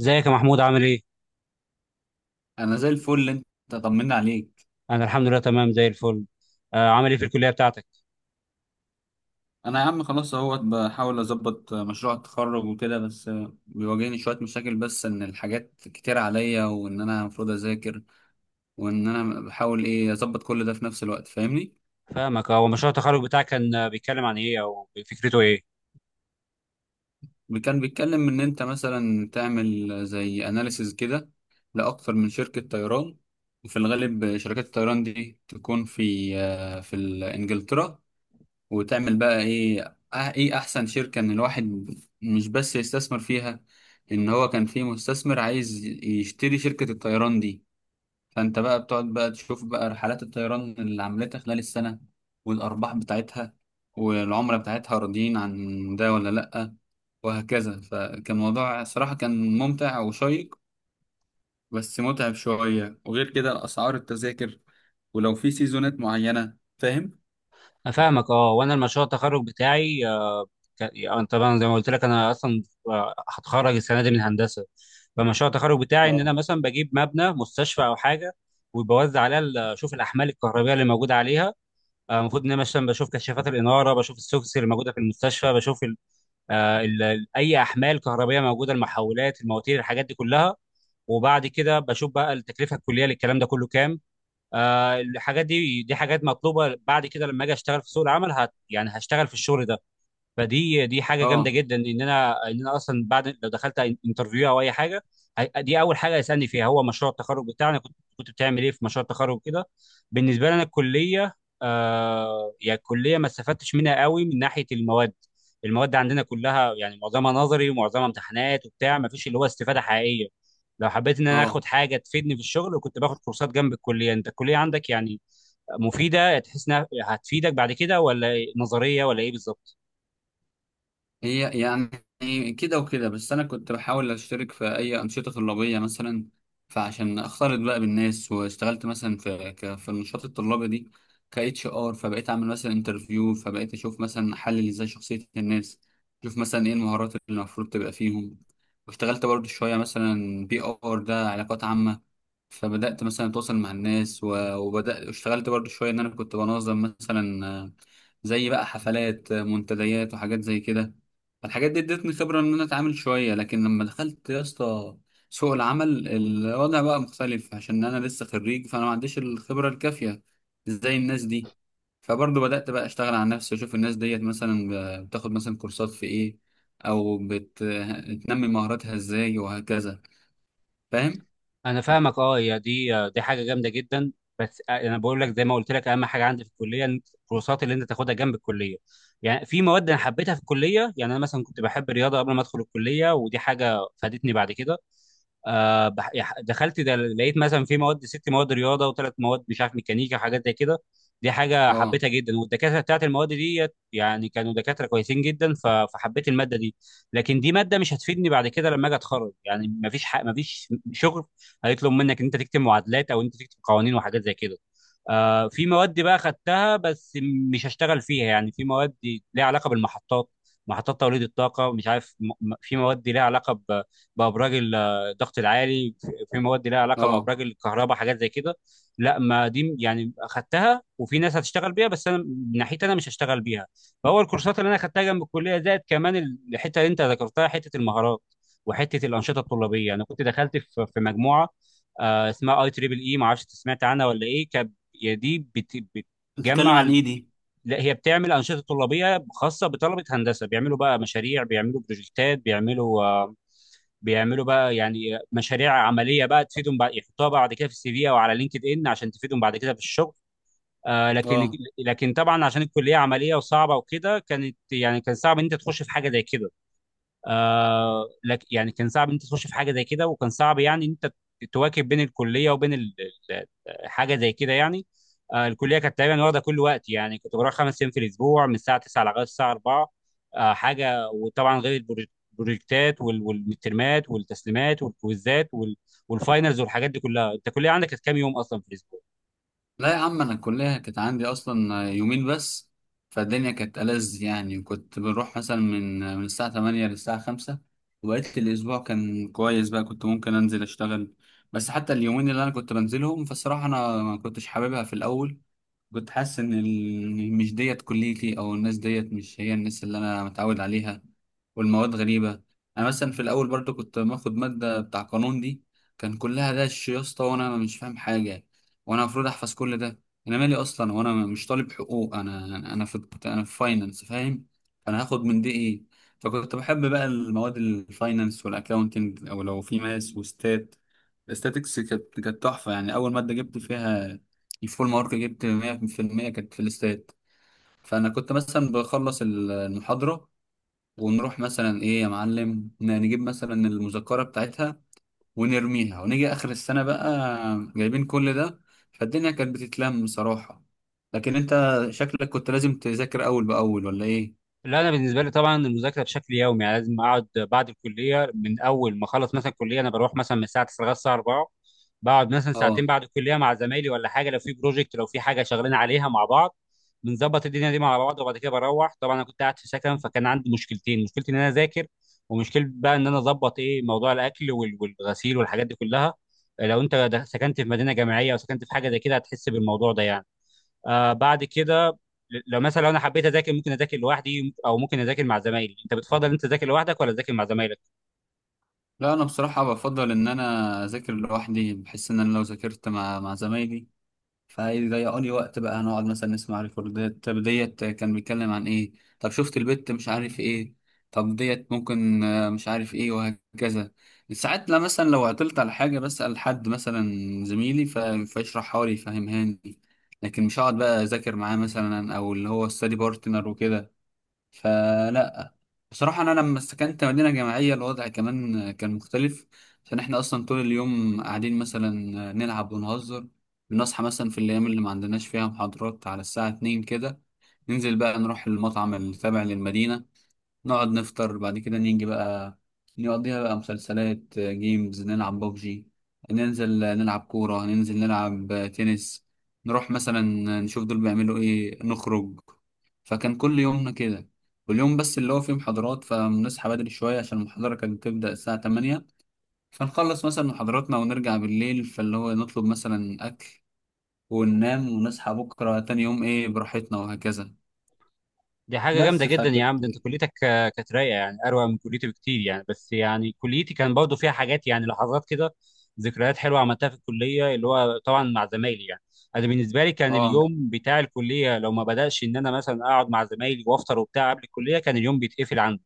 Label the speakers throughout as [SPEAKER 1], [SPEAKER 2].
[SPEAKER 1] ازيك يا محمود، عامل ايه؟
[SPEAKER 2] انا زي الفل. انت طمنا عليك.
[SPEAKER 1] انا الحمد لله، تمام زي الفل. آه، عامل ايه في الكليه بتاعتك؟
[SPEAKER 2] انا يا عم خلاص اهوت، بحاول اظبط مشروع التخرج وكده بس. بيواجهني شويه مشاكل، بس ان الحاجات كتير عليا وان انا المفروض اذاكر، وان انا بحاول ايه اظبط كل ده في نفس الوقت، فاهمني.
[SPEAKER 1] فاهمك، اه. ومشروع التخرج بتاعك كان بيتكلم عن ايه، او فكرته ايه؟
[SPEAKER 2] كان بيتكلم ان انت مثلا تعمل زي اناليسز كده لاكتر من شركه طيران، وفي الغالب شركات الطيران دي تكون في في انجلترا. وتعمل بقى ايه ايه احسن شركة ان الواحد مش بس يستثمر فيها، ان هو كان في مستثمر عايز يشتري شركة الطيران دي. فانت بقى بتقعد بقى تشوف بقى رحلات الطيران اللي عملتها خلال السنة، والارباح بتاعتها، والعملاء بتاعتها راضيين عن ده ولا لأ، وهكذا. فكان موضوع صراحة كان ممتع وشيق، بس متعب شوية. وغير كده اسعار التذاكر ولو في سيزونات معينة، فاهم؟
[SPEAKER 1] أنا فاهمك، اه. وانا المشروع التخرج بتاعي آه، ك... آه، طبعا زي ما قلت لك، انا اصلا هتخرج السنه دي من هندسه. فمشروع التخرج بتاعي ان
[SPEAKER 2] اه.
[SPEAKER 1] انا مثلا بجيب مبنى مستشفى او حاجه، وبوزع عليها اشوف الاحمال الكهربائيه اللي موجوده عليها. المفروض ان انا مثلا بشوف كشافات الاناره، بشوف السوفس اللي موجوده في المستشفى، بشوف اي احمال كهربائيه موجوده، المحولات، المواتير، الحاجات دي كلها. وبعد كده بشوف بقى التكلفه الكليه للكلام ده كله كام. الحاجات دي دي حاجات مطلوبه بعد كده لما اجي اشتغل في سوق العمل، يعني هشتغل في الشغل ده. فدي دي حاجه جامده
[SPEAKER 2] اه.
[SPEAKER 1] جدا، ان انا اصلا بعد لو دخلت انترفيو او اي حاجه، دي اول حاجه هيسالني فيها هو مشروع التخرج بتاعنا. كنت بتعمل ايه في مشروع التخرج كده؟ بالنسبه لنا الكليه، يعني الكليه ما استفدتش منها قوي من ناحيه المواد. المواد عندنا كلها يعني معظمها نظري ومعظمها امتحانات وبتاع، ما فيش اللي هو استفاده حقيقيه. لو حبيت ان انا
[SPEAKER 2] اه.
[SPEAKER 1] اخد حاجه تفيدني في الشغل، كنت باخد كورسات جنب الكليه. انت الكليه عندك يعني مفيده، تحس انها هتفيدك بعد كده، ولا نظريه، ولا ايه بالظبط؟
[SPEAKER 2] هي يعني كده وكده، بس انا كنت بحاول اشترك في اي انشطه طلابيه مثلا، فعشان اختلط بقى بالناس. واشتغلت مثلا في في النشاط الطلابي دي ك اتش ار، فبقيت اعمل مثلا انترفيو، فبقيت اشوف مثلا احلل ازاي شخصيه الناس، اشوف مثلا ايه المهارات اللي المفروض تبقى فيهم. واشتغلت برضو شويه مثلا بي ار، ده علاقات عامه، فبدأت مثلا أتواصل مع الناس، وبدأت اشتغلت برضو شوية إن أنا كنت بنظم مثلا زي بقى حفلات، منتديات وحاجات زي كده. فالحاجات دي ادتني خبرة إن أنا أتعامل شوية. لكن لما دخلت يا اسطى سوق العمل، الوضع بقى مختلف، عشان أنا لسه خريج، فأنا ما عنديش الخبرة الكافية زي الناس دي. فبرضو بدأت بقى أشتغل على نفسي، وأشوف الناس ديت مثلا بتاخد مثلا كورسات في إيه، أو بتنمي مهاراتها إزاي، وهكذا. فاهم؟
[SPEAKER 1] انا فاهمك، اه. يا دي دي حاجه جامده جدا. بس انا بقول لك، زي ما قلت لك، اهم حاجه عندي في الكليه إن الكورسات اللي انت تاخدها جنب الكليه. يعني في مواد انا حبيتها في الكليه، يعني انا مثلا كنت بحب الرياضه قبل ما ادخل الكليه، ودي حاجه فادتني بعد كده. دخلت ده لقيت مثلا في مواد ست مواد رياضه وثلاث مواد مش عارف ميكانيكا وحاجات زي كده. دي حاجه
[SPEAKER 2] اه.
[SPEAKER 1] حبيتها جدا، والدكاتره بتاعت المواد دي يعني كانوا دكاتره كويسين جدا، فحبيت الماده دي. لكن دي ماده مش هتفيدني بعد كده لما اجي اتخرج، يعني ما فيش شغل هيطلب منك ان انت تكتب معادلات او انت تكتب قوانين وحاجات زي كده. آه، في مواد بقى خدتها بس مش هشتغل فيها. يعني في مواد ليها علاقه بالمحطات، محطات توليد الطاقه، مش عارف في مواد ليها علاقه بابراج الضغط العالي، في مواد لها علاقه
[SPEAKER 2] اه.
[SPEAKER 1] بابراج الكهرباء، حاجات زي كده. لا، ما دي يعني اخدتها وفي ناس هتشتغل بيها، بس انا من ناحيتي انا مش هشتغل بيها. فهو الكورسات اللي انا اخدتها جنب الكليه، زائد كمان الحته اللي انت ذكرتها، حته المهارات وحته الانشطه الطلابيه. انا كنت دخلت في مجموعه اسمها اي تريبل اي، ما اعرفش انت سمعت عنها ولا ايه. كانت هي دي
[SPEAKER 2] بتتكلم
[SPEAKER 1] بتجمع
[SPEAKER 2] عن ايه دي؟
[SPEAKER 1] لا، هي بتعمل انشطه طلابيه خاصه بطلبه هندسه. بيعملوا بقى مشاريع، بيعملوا بروجكتات، بيعملوا بيعملوا بقى يعني مشاريع عمليه بقى تفيدهم بعد، يحطوها بعد كده في السي في او على لينكد ان عشان تفيدهم بعد كده في الشغل. آه لكن
[SPEAKER 2] اه.
[SPEAKER 1] لكن طبعا عشان الكليه عمليه وصعبه وكده، كانت يعني كان صعب ان انت تخش في حاجه زي كده. آه لك يعني كان صعب ان انت تخش في حاجه زي كده، وكان صعب يعني ان انت تواكب بين الكليه وبين ال- حاجه زي كده يعني. آه، الكليه كانت تقريبا واخده كل وقت، يعني كنت بروح خمس ايام في الاسبوع من الساعه 9 لغايه الساعه 4. آه حاجه وطبعا غير البروجكتات والمترمات والتسليمات والكويزات والفاينلز والحاجات دي كلها. انت الكليه عندك كانت كام يوم اصلا في الاسبوع؟
[SPEAKER 2] لا يا عم، انا الكليه كانت عندي اصلا يومين بس، فالدنيا كانت ألذ يعني. وكنت بنروح مثلا من الساعه 8 للساعه 5، وبقيت الاسبوع كان كويس بقى، كنت ممكن انزل اشتغل. بس حتى اليومين اللي انا كنت بنزلهم، فالصراحه انا ما كنتش حاببها في الاول. كنت حاسس ان مش ديت كليتي، او الناس ديت مش هي الناس اللي انا متعود عليها، والمواد غريبة. انا مثلا في الاول برضو كنت باخد مادة بتاع قانون دي، كان كلها دش يا اسطى وانا مش فاهم حاجة، وانا المفروض احفظ كل ده. انا مالي اصلا وانا مش طالب حقوق، انا انا في انا في فاينانس، فاهم؟ انا هاخد من دي ايه؟ فكنت بحب بقى المواد الفاينانس والاكاونتنج، او لو في ماس وستات. الاستاتكس كانت تحفة يعني، اول مادة جبت فيها الفول مارك، جبت 100% كانت في الاستاد. فانا كنت مثلا بخلص المحاضره، ونروح مثلا ايه يا معلم، نجيب مثلا المذكره بتاعتها ونرميها، ونيجي اخر السنه بقى جايبين كل ده. فالدنيا كانت بتتلم بصراحه. لكن انت شكلك كنت لازم تذاكر اول باول، ولا ايه؟
[SPEAKER 1] لا، انا بالنسبه لي طبعا المذاكره بشكل يومي، يعني لازم اقعد بعد الكليه. من اول ما اخلص مثلا الكليه، انا بروح مثلا من الساعه 9 لغايه الساعه 4. بقعد مثلا ساعتين
[SPEAKER 2] اه.
[SPEAKER 1] بعد الكليه مع زمايلي ولا حاجه، لو في بروجكت، لو في حاجه شغالين عليها مع بعض. بنظبط الدنيا دي مع بعض. وبعد كده بروح، طبعا انا كنت قاعد في سكن، فكان عندي مشكلتين: مشكلتي ان انا اذاكر، ومشكله بقى ان انا اظبط ايه موضوع الاكل والغسيل والحاجات دي كلها. لو انت سكنت في مدينه جامعيه او سكنت في حاجه زي كده، هتحس بالموضوع ده يعني. آه، بعد كده لو مثلا انا حبيت اذاكر، ممكن اذاكر لوحدي او ممكن اذاكر مع زمايلي. انت بتفضل انت تذاكر لوحدك، ولا تذاكر مع زمايلك؟
[SPEAKER 2] لا انا بصراحه بفضل ان انا اذاكر لوحدي. بحس ان انا لو ذاكرت مع زمايلي فهيضيعوا لي وقت، بقى هنقعد مثلا نسمع ريكوردات، طب ديت كان بيتكلم عن ايه، طب شفت البت مش عارف ايه، طب ديت ممكن مش عارف ايه، وهكذا. ساعات لا، مثلا لو عطلت على حاجة بسأل حد مثلا زميلي، فيشرحها لي يفهمها لي، لكن مش هقعد بقى اذاكر معاه مثلا، او اللي هو ستادي بارتنر وكده، فلا. بصراحة أنا لما سكنت مدينة جامعية، الوضع كمان كان مختلف. عشان إحنا أصلا طول اليوم قاعدين مثلا نلعب ونهزر. بنصحى مثلا في الأيام اللي ما عندناش فيها محاضرات على الساعة اتنين كده، ننزل بقى نروح المطعم اللي تابع للمدينة، نقعد نفطر. بعد كده نيجي بقى نقضيها بقى مسلسلات، جيمز نلعب ببجي، ننزل نلعب كورة، ننزل نلعب تنس. نروح مثلا نشوف دول بيعملوا ايه، نخرج. فكان كل يومنا كده. واليوم بس اللي هو فيه محاضرات، فبنصحى بدري شوية عشان المحاضرة كانت بتبدأ الساعة 8. فنخلص مثلا محاضراتنا ونرجع بالليل، فاللي هو نطلب مثلا أكل وننام، ونصحى بكرة تاني يوم ايه براحتنا، وهكذا.
[SPEAKER 1] دي حاجة جامدة
[SPEAKER 2] بس
[SPEAKER 1] جدا يا عم.
[SPEAKER 2] فكانت.
[SPEAKER 1] ده انت كليتك كانت رايقة، يعني اروع من كليتي بكتير يعني. بس يعني كليتي كان برضه فيها حاجات، يعني لحظات كده، ذكريات حلوة عملتها في الكلية اللي هو طبعا مع زمايلي يعني. انا بالنسبة لي كان
[SPEAKER 2] اه.
[SPEAKER 1] اليوم بتاع الكلية لو ما بدأش ان انا مثلا اقعد مع زمايلي وافطر وبتاع قبل الكلية، كان اليوم بيتقفل عندي.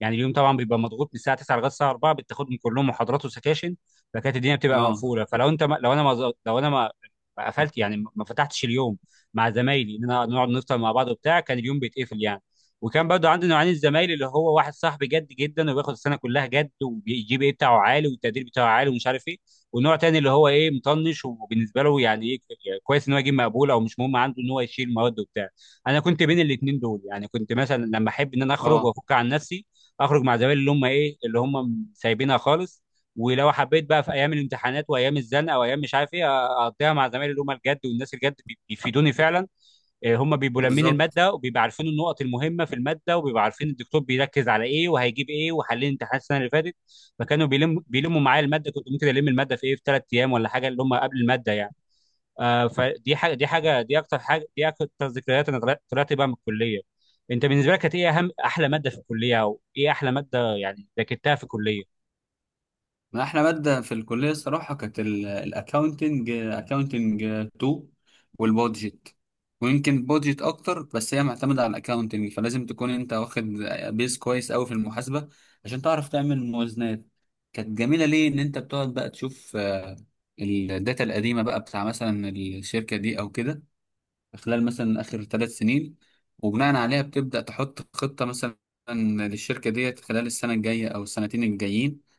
[SPEAKER 1] يعني اليوم طبعا بيبقى مضغوط من الساعة 9 لغاية الساعة 4، بتاخد من كلهم محاضرات وسكاشن، فكانت الدنيا بتبقى
[SPEAKER 2] اه.
[SPEAKER 1] مقفولة. فلو انت ما لو انا ما قفلت، يعني ما فتحتش اليوم مع زمايلي ان انا نقعد نفطر مع بعض وبتاع، كان اليوم بيتقفل يعني. وكان برضو عندي نوعين الزمايل: اللي هو واحد صاحبي جد جدا، وبياخد السنه كلها جد، وبيجيب ايه بتاعه عالي، والتقدير بتاعه عالي، ومش عارف ايه. والنوع تاني اللي هو ايه مطنش، وبالنسبه له يعني ايه كويس ان هو يجيب مقبول، او مش مهم عنده ان هو يشيل مواد وبتاع. انا كنت بين الاثنين دول. يعني كنت مثلا لما احب ان انا اخرج
[SPEAKER 2] اه.
[SPEAKER 1] وافك عن نفسي، اخرج مع زمايلي اللي هم ايه، اللي هم سايبينها خالص. ولو حبيت بقى في ايام الامتحانات وايام الزنقه وايام مش عارف ايه، اقضيها مع زمايلي اللي هم الجد، والناس الجد بيفيدوني فعلا. آه، هم بيبقوا لامين
[SPEAKER 2] بالظبط.
[SPEAKER 1] الماده، وبيبقوا عارفين النقط المهمه في الماده، وبيبقوا عارفين الدكتور بيركز على ايه وهيجيب ايه، وحلين امتحانات السنه اللي فاتت. فكانوا بيلموا معايا الماده. كنت ممكن الم الماده في ايه، في ثلاث ايام ولا حاجه اللي هم قبل الماده يعني. فدي حاجه، دي حاجه دي اكتر حاجه دي اكتر ذكريات، انا طلعت بقى من الكليه. انت بالنسبه لك كانت ايه احلى ماده في الكليه، او ايه احلى ماده يعني ذاكرتها في الكليه؟
[SPEAKER 2] ما احنا مادة في الكلية الصراحة كانت الاكاونتنج، اكاونتنج 2 والبودجت. ويمكن بودجت اكتر، بس هي معتمدة على الاكاونتنج، فلازم تكون انت واخد بيز كويس قوي في المحاسبة عشان تعرف تعمل موازنات. كانت جميلة ليه؟ ان انت بتقعد بقى تشوف الداتا القديمة بقى بتاع مثلا الشركة دي او كده، خلال مثلا اخر 3 سنين، وبناء عليها بتبدأ تحط خطة مثلا للشركة ديت خلال السنة الجاية او السنتين الجايين.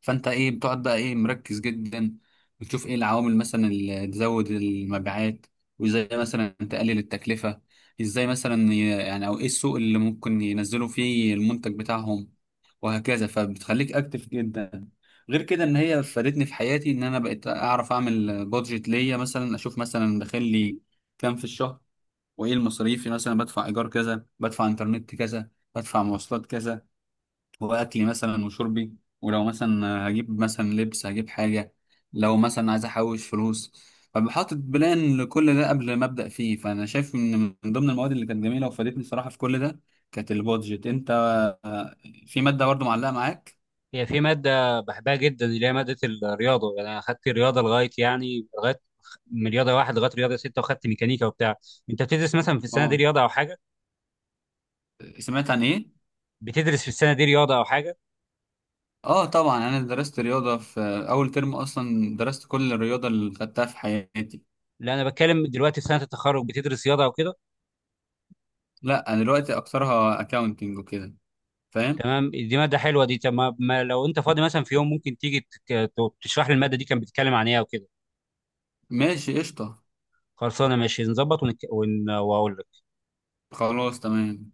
[SPEAKER 2] فانت ايه بتقعد بقى ايه مركز جدا، بتشوف ايه العوامل مثلا اللي تزود المبيعات، وازاي مثلا تقلل التكلفة، ازاي مثلا يعني، او ايه السوق اللي ممكن ينزلوا فيه المنتج بتاعهم، وهكذا. فبتخليك اكتف جدا. غير كده ان هي فادتني في حياتي، ان انا بقيت اعرف اعمل بادجت ليا، مثلا اشوف مثلا داخل لي كام في الشهر، وايه المصاريف، مثلا بدفع ايجار كذا، بدفع انترنت كذا، بدفع مواصلات كذا، واكلي مثلا وشربي، ولو مثلا هجيب مثلا لبس هجيب حاجه، لو مثلا عايز احوش فلوس. فبحاطط بلان لكل ده قبل ما ابدا فيه. فانا شايف ان من ضمن المواد اللي كانت جميله وفادتني الصراحه في كل ده كانت البادجت. انت آه، في ماده برضو معلقه معاك؟
[SPEAKER 1] هي في مادة بحبها جدا، اللي هي مادة الرياضة. يعني أنا أخدت الرياضة لغاية من رياضة واحد لغاية رياضة ستة، وأخدت ميكانيكا وبتاع. أنت بتدرس مثلا في السنة دي
[SPEAKER 2] اه.
[SPEAKER 1] رياضة أو حاجة؟
[SPEAKER 2] سمعت عن ايه؟
[SPEAKER 1] بتدرس في السنة دي رياضة أو حاجة؟
[SPEAKER 2] اه طبعا انا درست رياضه في اول ترم. اصلا درست كل الرياضه اللي خدتها في حياتي.
[SPEAKER 1] لا، أنا بتكلم دلوقتي في سنة التخرج، بتدرس رياضة أو كده؟
[SPEAKER 2] لا انا دلوقتي اكثرها اكاونتنج وكده، فاهم.
[SPEAKER 1] تمام، دي مادة حلوة دي. طب ما ما لو أنت فاضي مثلا في يوم، ممكن تيجي تك- تشرح لي المادة دي كانت بتتكلم عن إيه أو كده.
[SPEAKER 2] ماشي قشطه.
[SPEAKER 1] خلصانة، ماشي، نظبط وأقول لك.
[SPEAKER 2] خلاص تمام.